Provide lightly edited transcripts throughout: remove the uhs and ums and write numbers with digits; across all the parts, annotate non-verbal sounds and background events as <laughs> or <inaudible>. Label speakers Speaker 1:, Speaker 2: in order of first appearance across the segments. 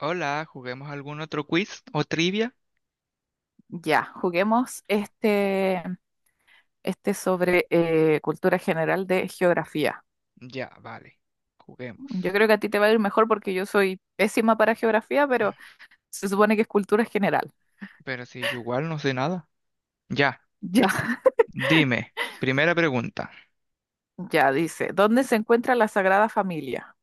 Speaker 1: Hola, ¿juguemos algún otro quiz o trivia?
Speaker 2: Ya, juguemos este sobre cultura general de geografía.
Speaker 1: Ya, vale,
Speaker 2: Yo
Speaker 1: juguemos.
Speaker 2: creo que a ti te va a ir mejor porque yo soy pésima para geografía, pero se supone que es cultura general.
Speaker 1: Pero si yo igual no sé nada. Ya,
Speaker 2: Ya, <laughs>
Speaker 1: dime, primera pregunta.
Speaker 2: ya dice, ¿dónde se encuentra la Sagrada Familia?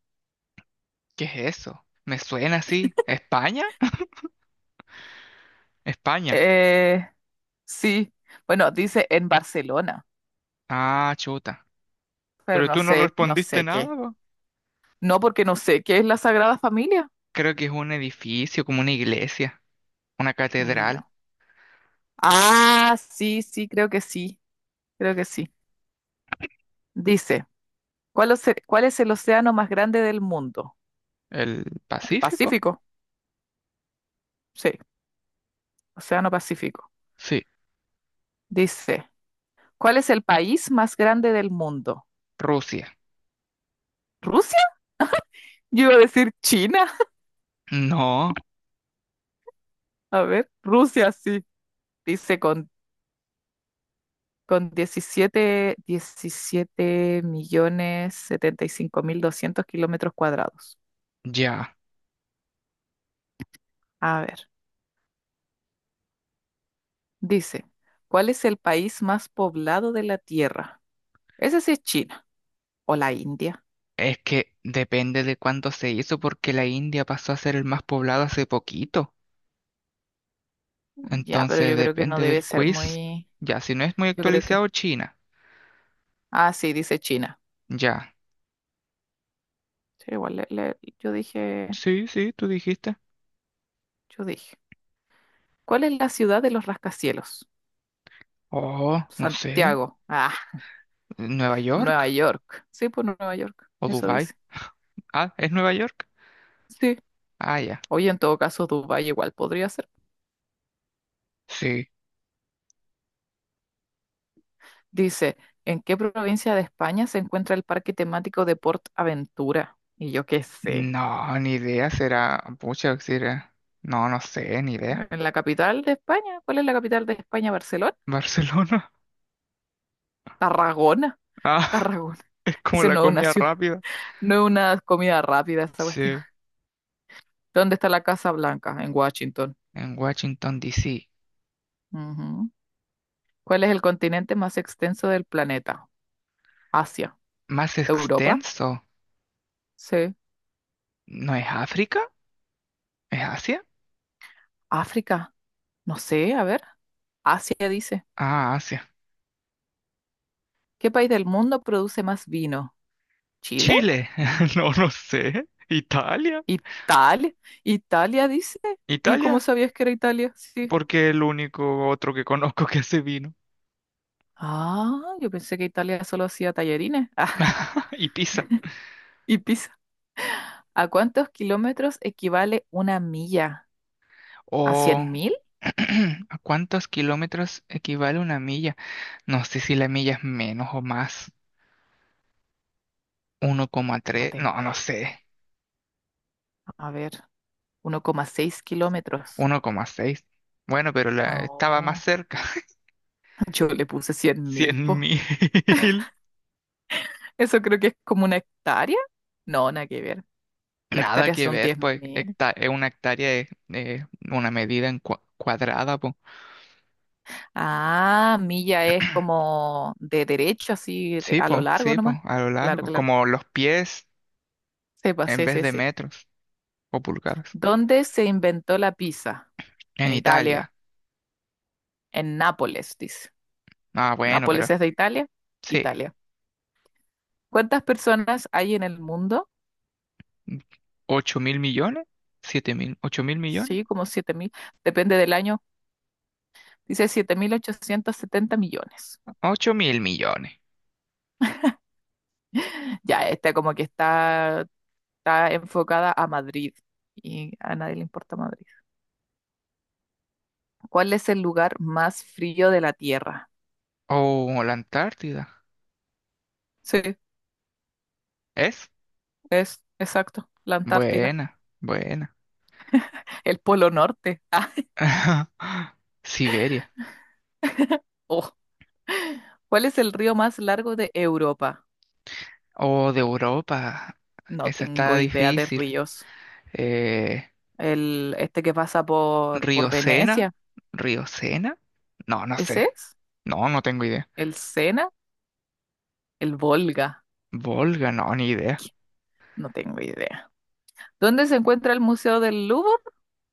Speaker 1: ¿Qué es eso? ¿Me suena así? ¿España? España.
Speaker 2: Eh, sí, bueno, dice en Barcelona,
Speaker 1: Ah, chuta.
Speaker 2: pero
Speaker 1: Pero
Speaker 2: no
Speaker 1: tú no
Speaker 2: sé, no
Speaker 1: respondiste
Speaker 2: sé qué.
Speaker 1: nada, po.
Speaker 2: No, porque no sé qué es la Sagrada Familia.
Speaker 1: Creo que es un edificio, como una iglesia, una
Speaker 2: Mm, ya.
Speaker 1: catedral.
Speaker 2: Ah, sí, sí, creo que sí, creo que sí. Dice. ¿Cuál es el océano más grande del mundo?
Speaker 1: ¿El
Speaker 2: ¿El
Speaker 1: Pacífico?
Speaker 2: Pacífico? Sí, Océano Pacífico.
Speaker 1: Sí.
Speaker 2: Dice, ¿cuál es el país más grande del mundo?
Speaker 1: Rusia.
Speaker 2: ¿Rusia? Yo iba a decir China. <laughs>
Speaker 1: No,
Speaker 2: A ver, Rusia sí. Dice con diecisiete millones 75 mil 200 kilómetros cuadrados.
Speaker 1: ya.
Speaker 2: A ver, dice, ¿cuál es el país más poblado de la Tierra? Ese sí es China o la India.
Speaker 1: Es que depende de cuándo se hizo, porque la India pasó a ser el más poblado hace poquito.
Speaker 2: Ya, pero
Speaker 1: Entonces
Speaker 2: yo creo que no
Speaker 1: depende
Speaker 2: debe
Speaker 1: del
Speaker 2: ser
Speaker 1: quiz.
Speaker 2: muy.
Speaker 1: Ya, si no es muy
Speaker 2: Yo creo que
Speaker 1: actualizado, China.
Speaker 2: Ah, sí, dice China.
Speaker 1: Ya.
Speaker 2: Sí, igual yo dije,
Speaker 1: Sí, sí, tú dijiste.
Speaker 2: yo dije. ¿Cuál es la ciudad de los rascacielos?
Speaker 1: Oh, no sé.
Speaker 2: Santiago. Ah,
Speaker 1: ¿Nueva
Speaker 2: Nueva
Speaker 1: York?
Speaker 2: York. Sí, pues Nueva York.
Speaker 1: ¿O
Speaker 2: Eso
Speaker 1: Dubai?
Speaker 2: dice.
Speaker 1: Ah, ¿es Nueva York?
Speaker 2: Sí.
Speaker 1: Ah, ya.
Speaker 2: Oye, en todo caso, Dubái igual podría ser.
Speaker 1: Sí.
Speaker 2: Dice, ¿en qué provincia de España se encuentra el parque temático de Port Aventura? Y yo qué sé.
Speaker 1: No, ni idea. Será. Pucha, será. No, no sé, ni idea.
Speaker 2: ¿En la capital de España? ¿Cuál es la capital de España? ¿Barcelona?
Speaker 1: ¿Barcelona?
Speaker 2: Tarragona.
Speaker 1: <laughs> Ah,
Speaker 2: Tarragona.
Speaker 1: es como
Speaker 2: Ese
Speaker 1: la
Speaker 2: no es una
Speaker 1: comida
Speaker 2: ciudad,
Speaker 1: rápida.
Speaker 2: no es una comida rápida esa cuestión.
Speaker 1: Sí.
Speaker 2: ¿Dónde está la Casa Blanca? En Washington.
Speaker 1: En Washington, D. C.
Speaker 2: Ujú. ¿Cuál es el continente más extenso del planeta? Asia.
Speaker 1: ¿Más
Speaker 2: ¿Europa?
Speaker 1: extenso?
Speaker 2: Sí.
Speaker 1: ¿No es África? ¿Es Asia?
Speaker 2: ¿África? No sé, a ver. Asia dice.
Speaker 1: Ah, Asia.
Speaker 2: ¿Qué país del mundo produce más vino? ¿Chile?
Speaker 1: Chile, <laughs> no, no sé. Italia,
Speaker 2: ¿Italia? ¿Italia dice? ¿Y cómo
Speaker 1: Italia,
Speaker 2: sabías que era Italia? Sí.
Speaker 1: porque es el único otro que conozco que hace vino.
Speaker 2: Ah, yo pensé que Italia solo hacía tallarines. <laughs> Ah,
Speaker 1: <laughs> Y Pisa.
Speaker 2: y pizza. ¿A cuántos kilómetros equivale una milla? ¿A
Speaker 1: O
Speaker 2: cien mil?
Speaker 1: <clears throat> ¿a cuántos kilómetros equivale una milla? No sé si la milla es menos o más. Uno coma
Speaker 2: No
Speaker 1: tres, no,
Speaker 2: tengo
Speaker 1: no sé.
Speaker 2: idea. A ver. 1,6 kilómetros.
Speaker 1: 1,6. Bueno, pero la, estaba más
Speaker 2: Oh,
Speaker 1: cerca.
Speaker 2: <laughs> yo le puse cien
Speaker 1: <laughs>
Speaker 2: mil, po.
Speaker 1: 100.000. <laughs>
Speaker 2: Eso creo que es como una hectárea. No, nada que ver. La
Speaker 1: Nada
Speaker 2: hectárea
Speaker 1: que
Speaker 2: son
Speaker 1: ver,
Speaker 2: diez
Speaker 1: pues
Speaker 2: mil.
Speaker 1: una hectárea es una medida en cuadrada.
Speaker 2: Ah, milla es como de derecho, así a lo largo
Speaker 1: Sí,
Speaker 2: nomás.
Speaker 1: po, a lo
Speaker 2: Claro,
Speaker 1: largo.
Speaker 2: claro.
Speaker 1: Como los pies
Speaker 2: Sepa,
Speaker 1: en
Speaker 2: sí,
Speaker 1: vez
Speaker 2: sí,
Speaker 1: de
Speaker 2: sí.
Speaker 1: metros o pulgadas.
Speaker 2: ¿Dónde se inventó la pizza? En
Speaker 1: En
Speaker 2: Italia.
Speaker 1: Italia.
Speaker 2: En Nápoles, dice.
Speaker 1: Ah, bueno,
Speaker 2: ¿Nápoles
Speaker 1: pero
Speaker 2: es de Italia?
Speaker 1: sí.
Speaker 2: Italia. ¿Cuántas personas hay en el mundo?
Speaker 1: ¿8.000 millones? ¿7.000? ¿8.000 millones?
Speaker 2: Sí, como 7000. Depende del año. Dice 7870 millones.
Speaker 1: 8.000 millones.
Speaker 2: Ya, esta como que está enfocada a Madrid y a nadie le importa Madrid. ¿Cuál es el lugar más frío de la Tierra?
Speaker 1: Oh, la Antártida.
Speaker 2: Sí,
Speaker 1: ¿Es?
Speaker 2: es exacto, la Antártida,
Speaker 1: Buena, buena.
Speaker 2: el Polo Norte. <laughs> Ah,
Speaker 1: <laughs> Siberia.
Speaker 2: oh. ¿Cuál es el río más largo de Europa?
Speaker 1: Oh, de Europa.
Speaker 2: No
Speaker 1: Esa está
Speaker 2: tengo idea de
Speaker 1: difícil.
Speaker 2: ríos.
Speaker 1: Eh,
Speaker 2: Este que pasa por
Speaker 1: Río Sena.
Speaker 2: Venecia,
Speaker 1: ¿Río Sena? No, no
Speaker 2: ¿ese
Speaker 1: sé.
Speaker 2: es?
Speaker 1: No, no tengo idea.
Speaker 2: ¿El Sena? ¿El Volga?
Speaker 1: Volga, no, ni idea.
Speaker 2: No tengo idea. ¿Dónde se encuentra el Museo del Louvre?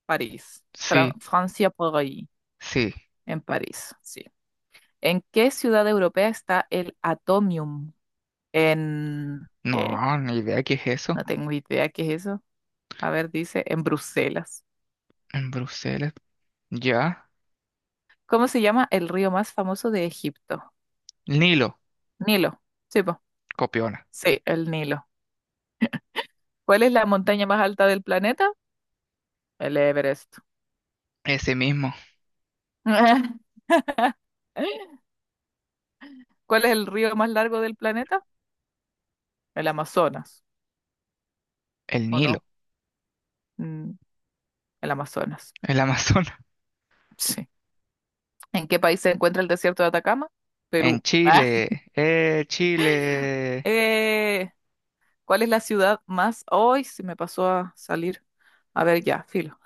Speaker 2: París, Fran-
Speaker 1: Sí,
Speaker 2: Francia por ahí,
Speaker 1: sí.
Speaker 2: en París, sí. ¿En qué ciudad europea está el Atomium? ¿Qué?
Speaker 1: No, ni idea qué es eso.
Speaker 2: No tengo idea qué es eso. A ver, dice, en Bruselas.
Speaker 1: En Bruselas. Ya.
Speaker 2: ¿Cómo se llama el río más famoso de Egipto?
Speaker 1: Nilo.
Speaker 2: Nilo. Sí, po.
Speaker 1: Copiona.
Speaker 2: Sí, el Nilo. ¿Cuál es la montaña más alta del planeta? El Everest.
Speaker 1: Ese mismo,
Speaker 2: <laughs> ¿Cuál es el río más largo del planeta? El Amazonas,
Speaker 1: el
Speaker 2: ¿o
Speaker 1: Nilo,
Speaker 2: no? Mm, el Amazonas.
Speaker 1: el Amazonas. <laughs>
Speaker 2: Sí. ¿En qué país se encuentra el desierto de Atacama?
Speaker 1: En
Speaker 2: Perú. <laughs> Ah.
Speaker 1: Chile, Chile.
Speaker 2: Eh, ¿Cuál es la ciudad más... Hoy se me pasó a salir. A ver, ya, filo.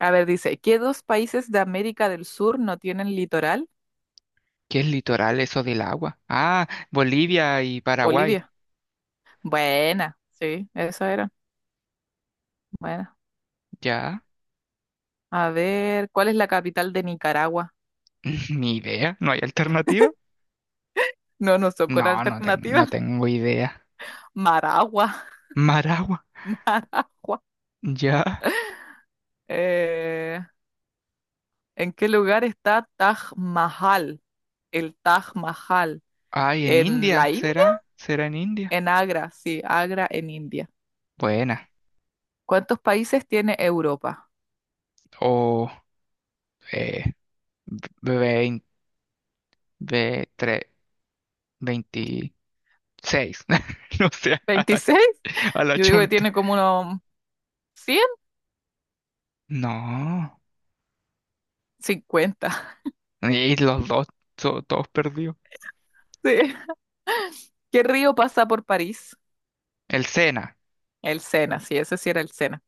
Speaker 2: A ver, dice, ¿qué dos países de América del Sur no tienen litoral?
Speaker 1: ¿Qué es litoral eso del agua? Ah, Bolivia y Paraguay.
Speaker 2: Bolivia. Buena, sí, esa era. Buena.
Speaker 1: Ya.
Speaker 2: A ver, ¿cuál es la capital de Nicaragua?
Speaker 1: <laughs> Ni idea, ¿no hay alternativa?
Speaker 2: No, no son con
Speaker 1: No, no, no
Speaker 2: alternativas.
Speaker 1: tengo idea.
Speaker 2: Maragua,
Speaker 1: Maragua,
Speaker 2: <laughs> Maragua.
Speaker 1: ya.
Speaker 2: Eh, ¿En qué lugar está Taj Mahal? El Taj Mahal.
Speaker 1: Ay, en
Speaker 2: ¿En
Speaker 1: India,
Speaker 2: la India?
Speaker 1: ¿será? ¿Será en India?
Speaker 2: En Agra, sí, Agra en India.
Speaker 1: Buena.
Speaker 2: ¿Cuántos países tiene Europa?
Speaker 1: O, eh, 20. 26. <laughs> No sé,
Speaker 2: ¿26?
Speaker 1: a la
Speaker 2: Yo digo que
Speaker 1: chunta.
Speaker 2: tiene como unos 100,
Speaker 1: No.
Speaker 2: 50. <laughs>
Speaker 1: Y los dos, todos perdidos.
Speaker 2: Sí. ¿Qué río pasa por París?
Speaker 1: El Sena.
Speaker 2: El Sena, sí, ese sí era el Sena.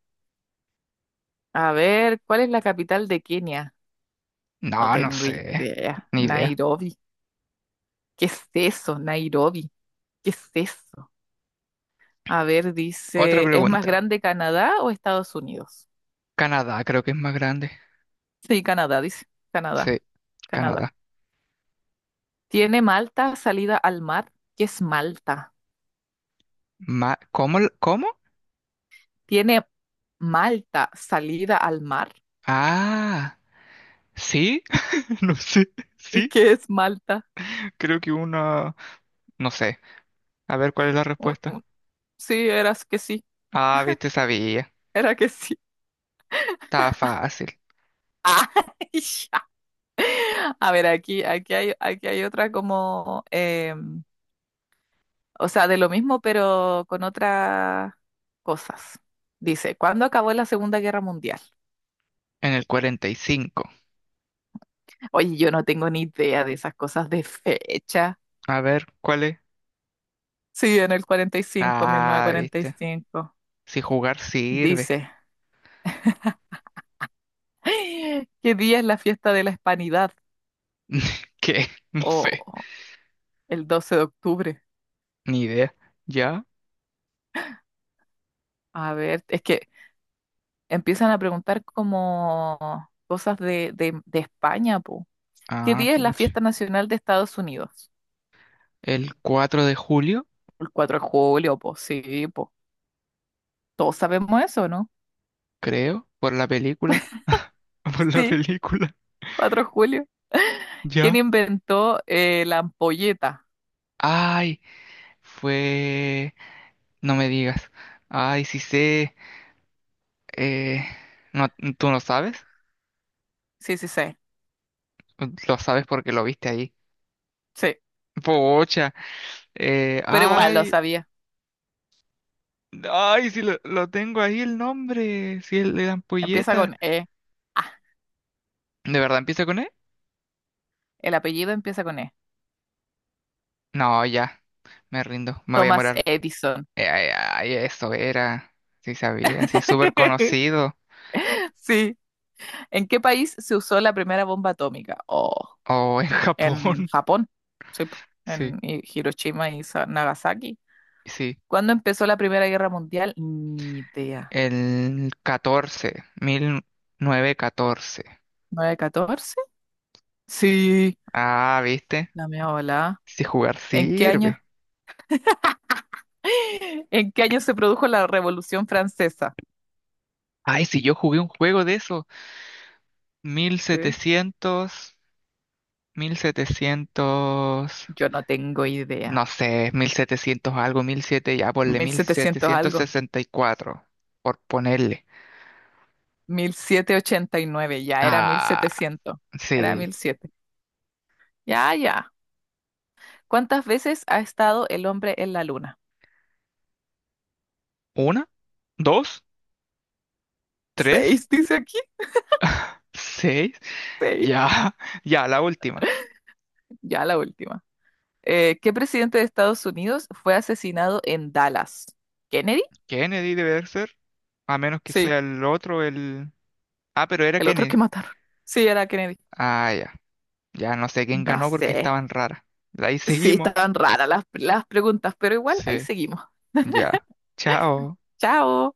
Speaker 2: A ver, ¿cuál es la capital de Kenia? No
Speaker 1: No, no
Speaker 2: tengo
Speaker 1: sé.
Speaker 2: idea.
Speaker 1: Ni idea.
Speaker 2: Nairobi. ¿Qué es eso? Nairobi. ¿Qué es eso? A ver,
Speaker 1: Otra
Speaker 2: dice, ¿es más
Speaker 1: pregunta.
Speaker 2: grande Canadá o Estados Unidos?
Speaker 1: Canadá creo que es más grande.
Speaker 2: Sí, Canadá, dice. Canadá,
Speaker 1: Sí,
Speaker 2: Canadá.
Speaker 1: Canadá.
Speaker 2: ¿Tiene Malta salida al mar? ¿Qué es Malta?
Speaker 1: Ma- ¿Cómo? L- ¿Cómo?
Speaker 2: Tiene Malta, salida al mar.
Speaker 1: Ah, sí. <laughs> No sé.
Speaker 2: ¿Y
Speaker 1: Sí,
Speaker 2: qué es Malta?
Speaker 1: creo que una... No sé. A ver cuál es la
Speaker 2: Un-
Speaker 1: respuesta.
Speaker 2: un- Sí, eras que sí,
Speaker 1: Ah, viste, sabía.
Speaker 2: era que sí.
Speaker 1: Estaba fácil.
Speaker 2: <laughs> Ah, ya. A ver, aquí hay otra como, o sea, de lo mismo, pero con otras cosas. Dice, ¿cuándo acabó la Segunda Guerra Mundial?
Speaker 1: En el 45.
Speaker 2: Oye, yo no tengo ni idea de esas cosas de fecha.
Speaker 1: A ver, ¿cuál es?
Speaker 2: Sí, en el cuarenta y cinco, mil novecientos
Speaker 1: Ah,
Speaker 2: cuarenta y
Speaker 1: viste.
Speaker 2: cinco.
Speaker 1: Si jugar sirve.
Speaker 2: Dice, <gasps> ¿qué día es la fiesta de la Hispanidad?
Speaker 1: <laughs> ¿Qué? No sé.
Speaker 2: Oh. El 12 de octubre.
Speaker 1: Ni idea. ¿Ya?
Speaker 2: A ver, es que empiezan a preguntar como cosas de España, po. ¿Qué
Speaker 1: Ah,
Speaker 2: día es la
Speaker 1: pucha.
Speaker 2: fiesta nacional de Estados Unidos?
Speaker 1: El 4 de julio,
Speaker 2: El 4 de julio, po, sí, po. Todos sabemos eso, ¿no?
Speaker 1: creo. Por la película. <laughs> Por la
Speaker 2: Sí,
Speaker 1: película.
Speaker 2: 4 de julio. <laughs> ¿Quién
Speaker 1: ¿Ya?
Speaker 2: inventó la ampolleta?
Speaker 1: Ay, fue... No me digas. Ay, sí sé. Eh... No, ¿tú no sabes?
Speaker 2: Sí, sí, sí,
Speaker 1: Lo sabes porque lo viste ahí.
Speaker 2: sí.
Speaker 1: Pocha.
Speaker 2: Pero igual lo
Speaker 1: Ay.
Speaker 2: sabía.
Speaker 1: Ay, si lo tengo ahí el nombre. Si el de la
Speaker 2: Empieza
Speaker 1: ampolleta.
Speaker 2: con E. Ah,
Speaker 1: ¿De verdad empieza con E?
Speaker 2: el apellido empieza con E.
Speaker 1: No, ya, me rindo, me voy a
Speaker 2: Thomas
Speaker 1: morar.
Speaker 2: Edison.
Speaker 1: Ay, ay, eso era, sí sabía, sí es súper
Speaker 2: <laughs>
Speaker 1: conocido.
Speaker 2: Sí. ¿En qué país se usó la primera bomba atómica? Oh.
Speaker 1: Oh, en <laughs>
Speaker 2: En
Speaker 1: Japón,
Speaker 2: Japón, sí, po,
Speaker 1: sí,
Speaker 2: en Hiroshima y Nagasaki.
Speaker 1: sí.
Speaker 2: ¿Cuándo empezó la Primera Guerra Mundial? Ni idea.
Speaker 1: El 14, catorce.
Speaker 2: 9 catorce? Sí,
Speaker 1: Ah, ¿viste?
Speaker 2: la mía volada.
Speaker 1: Si jugar
Speaker 2: ¿En qué año?
Speaker 1: sirve.
Speaker 2: <gasps> <laughs> ¿En qué año se produjo la Revolución Francesa?
Speaker 1: Ay, si yo jugué un juego de eso, mil
Speaker 2: Sí.
Speaker 1: setecientos mil setecientos
Speaker 2: Yo no tengo idea.
Speaker 1: no sé, 1700 algo, mil siete ya ponle
Speaker 2: Mil
Speaker 1: mil
Speaker 2: setecientos
Speaker 1: setecientos
Speaker 2: algo.
Speaker 1: sesenta y cuatro por ponerle.
Speaker 2: 1789. Ya era mil
Speaker 1: Ah.
Speaker 2: setecientos. Era mil
Speaker 1: Sí.
Speaker 2: siete. Ya, ya. ¿Cuántas veces ha estado el hombre en la luna?
Speaker 1: Una, dos,
Speaker 2: <laughs>
Speaker 1: tres,
Speaker 2: Seis, dice aquí.
Speaker 1: seis. <laughs>
Speaker 2: Seis.
Speaker 1: Ya, ya, la última.
Speaker 2: Ya la última. ¿Qué presidente de Estados Unidos fue asesinado en Dallas? ¿Kennedy?
Speaker 1: Kennedy debe de ser. A menos que
Speaker 2: Sí,
Speaker 1: sea el otro, el... Ah, pero era
Speaker 2: el otro que
Speaker 1: Kennedy.
Speaker 2: mataron. Sí, era Kennedy.
Speaker 1: Ah, ya. Ya no sé quién
Speaker 2: No
Speaker 1: ganó porque
Speaker 2: sé.
Speaker 1: estaban raras. Ahí
Speaker 2: Sí,
Speaker 1: seguimos.
Speaker 2: estaban raras las preguntas, pero igual ahí
Speaker 1: Sí,
Speaker 2: seguimos.
Speaker 1: ya. Chao.
Speaker 2: Chao.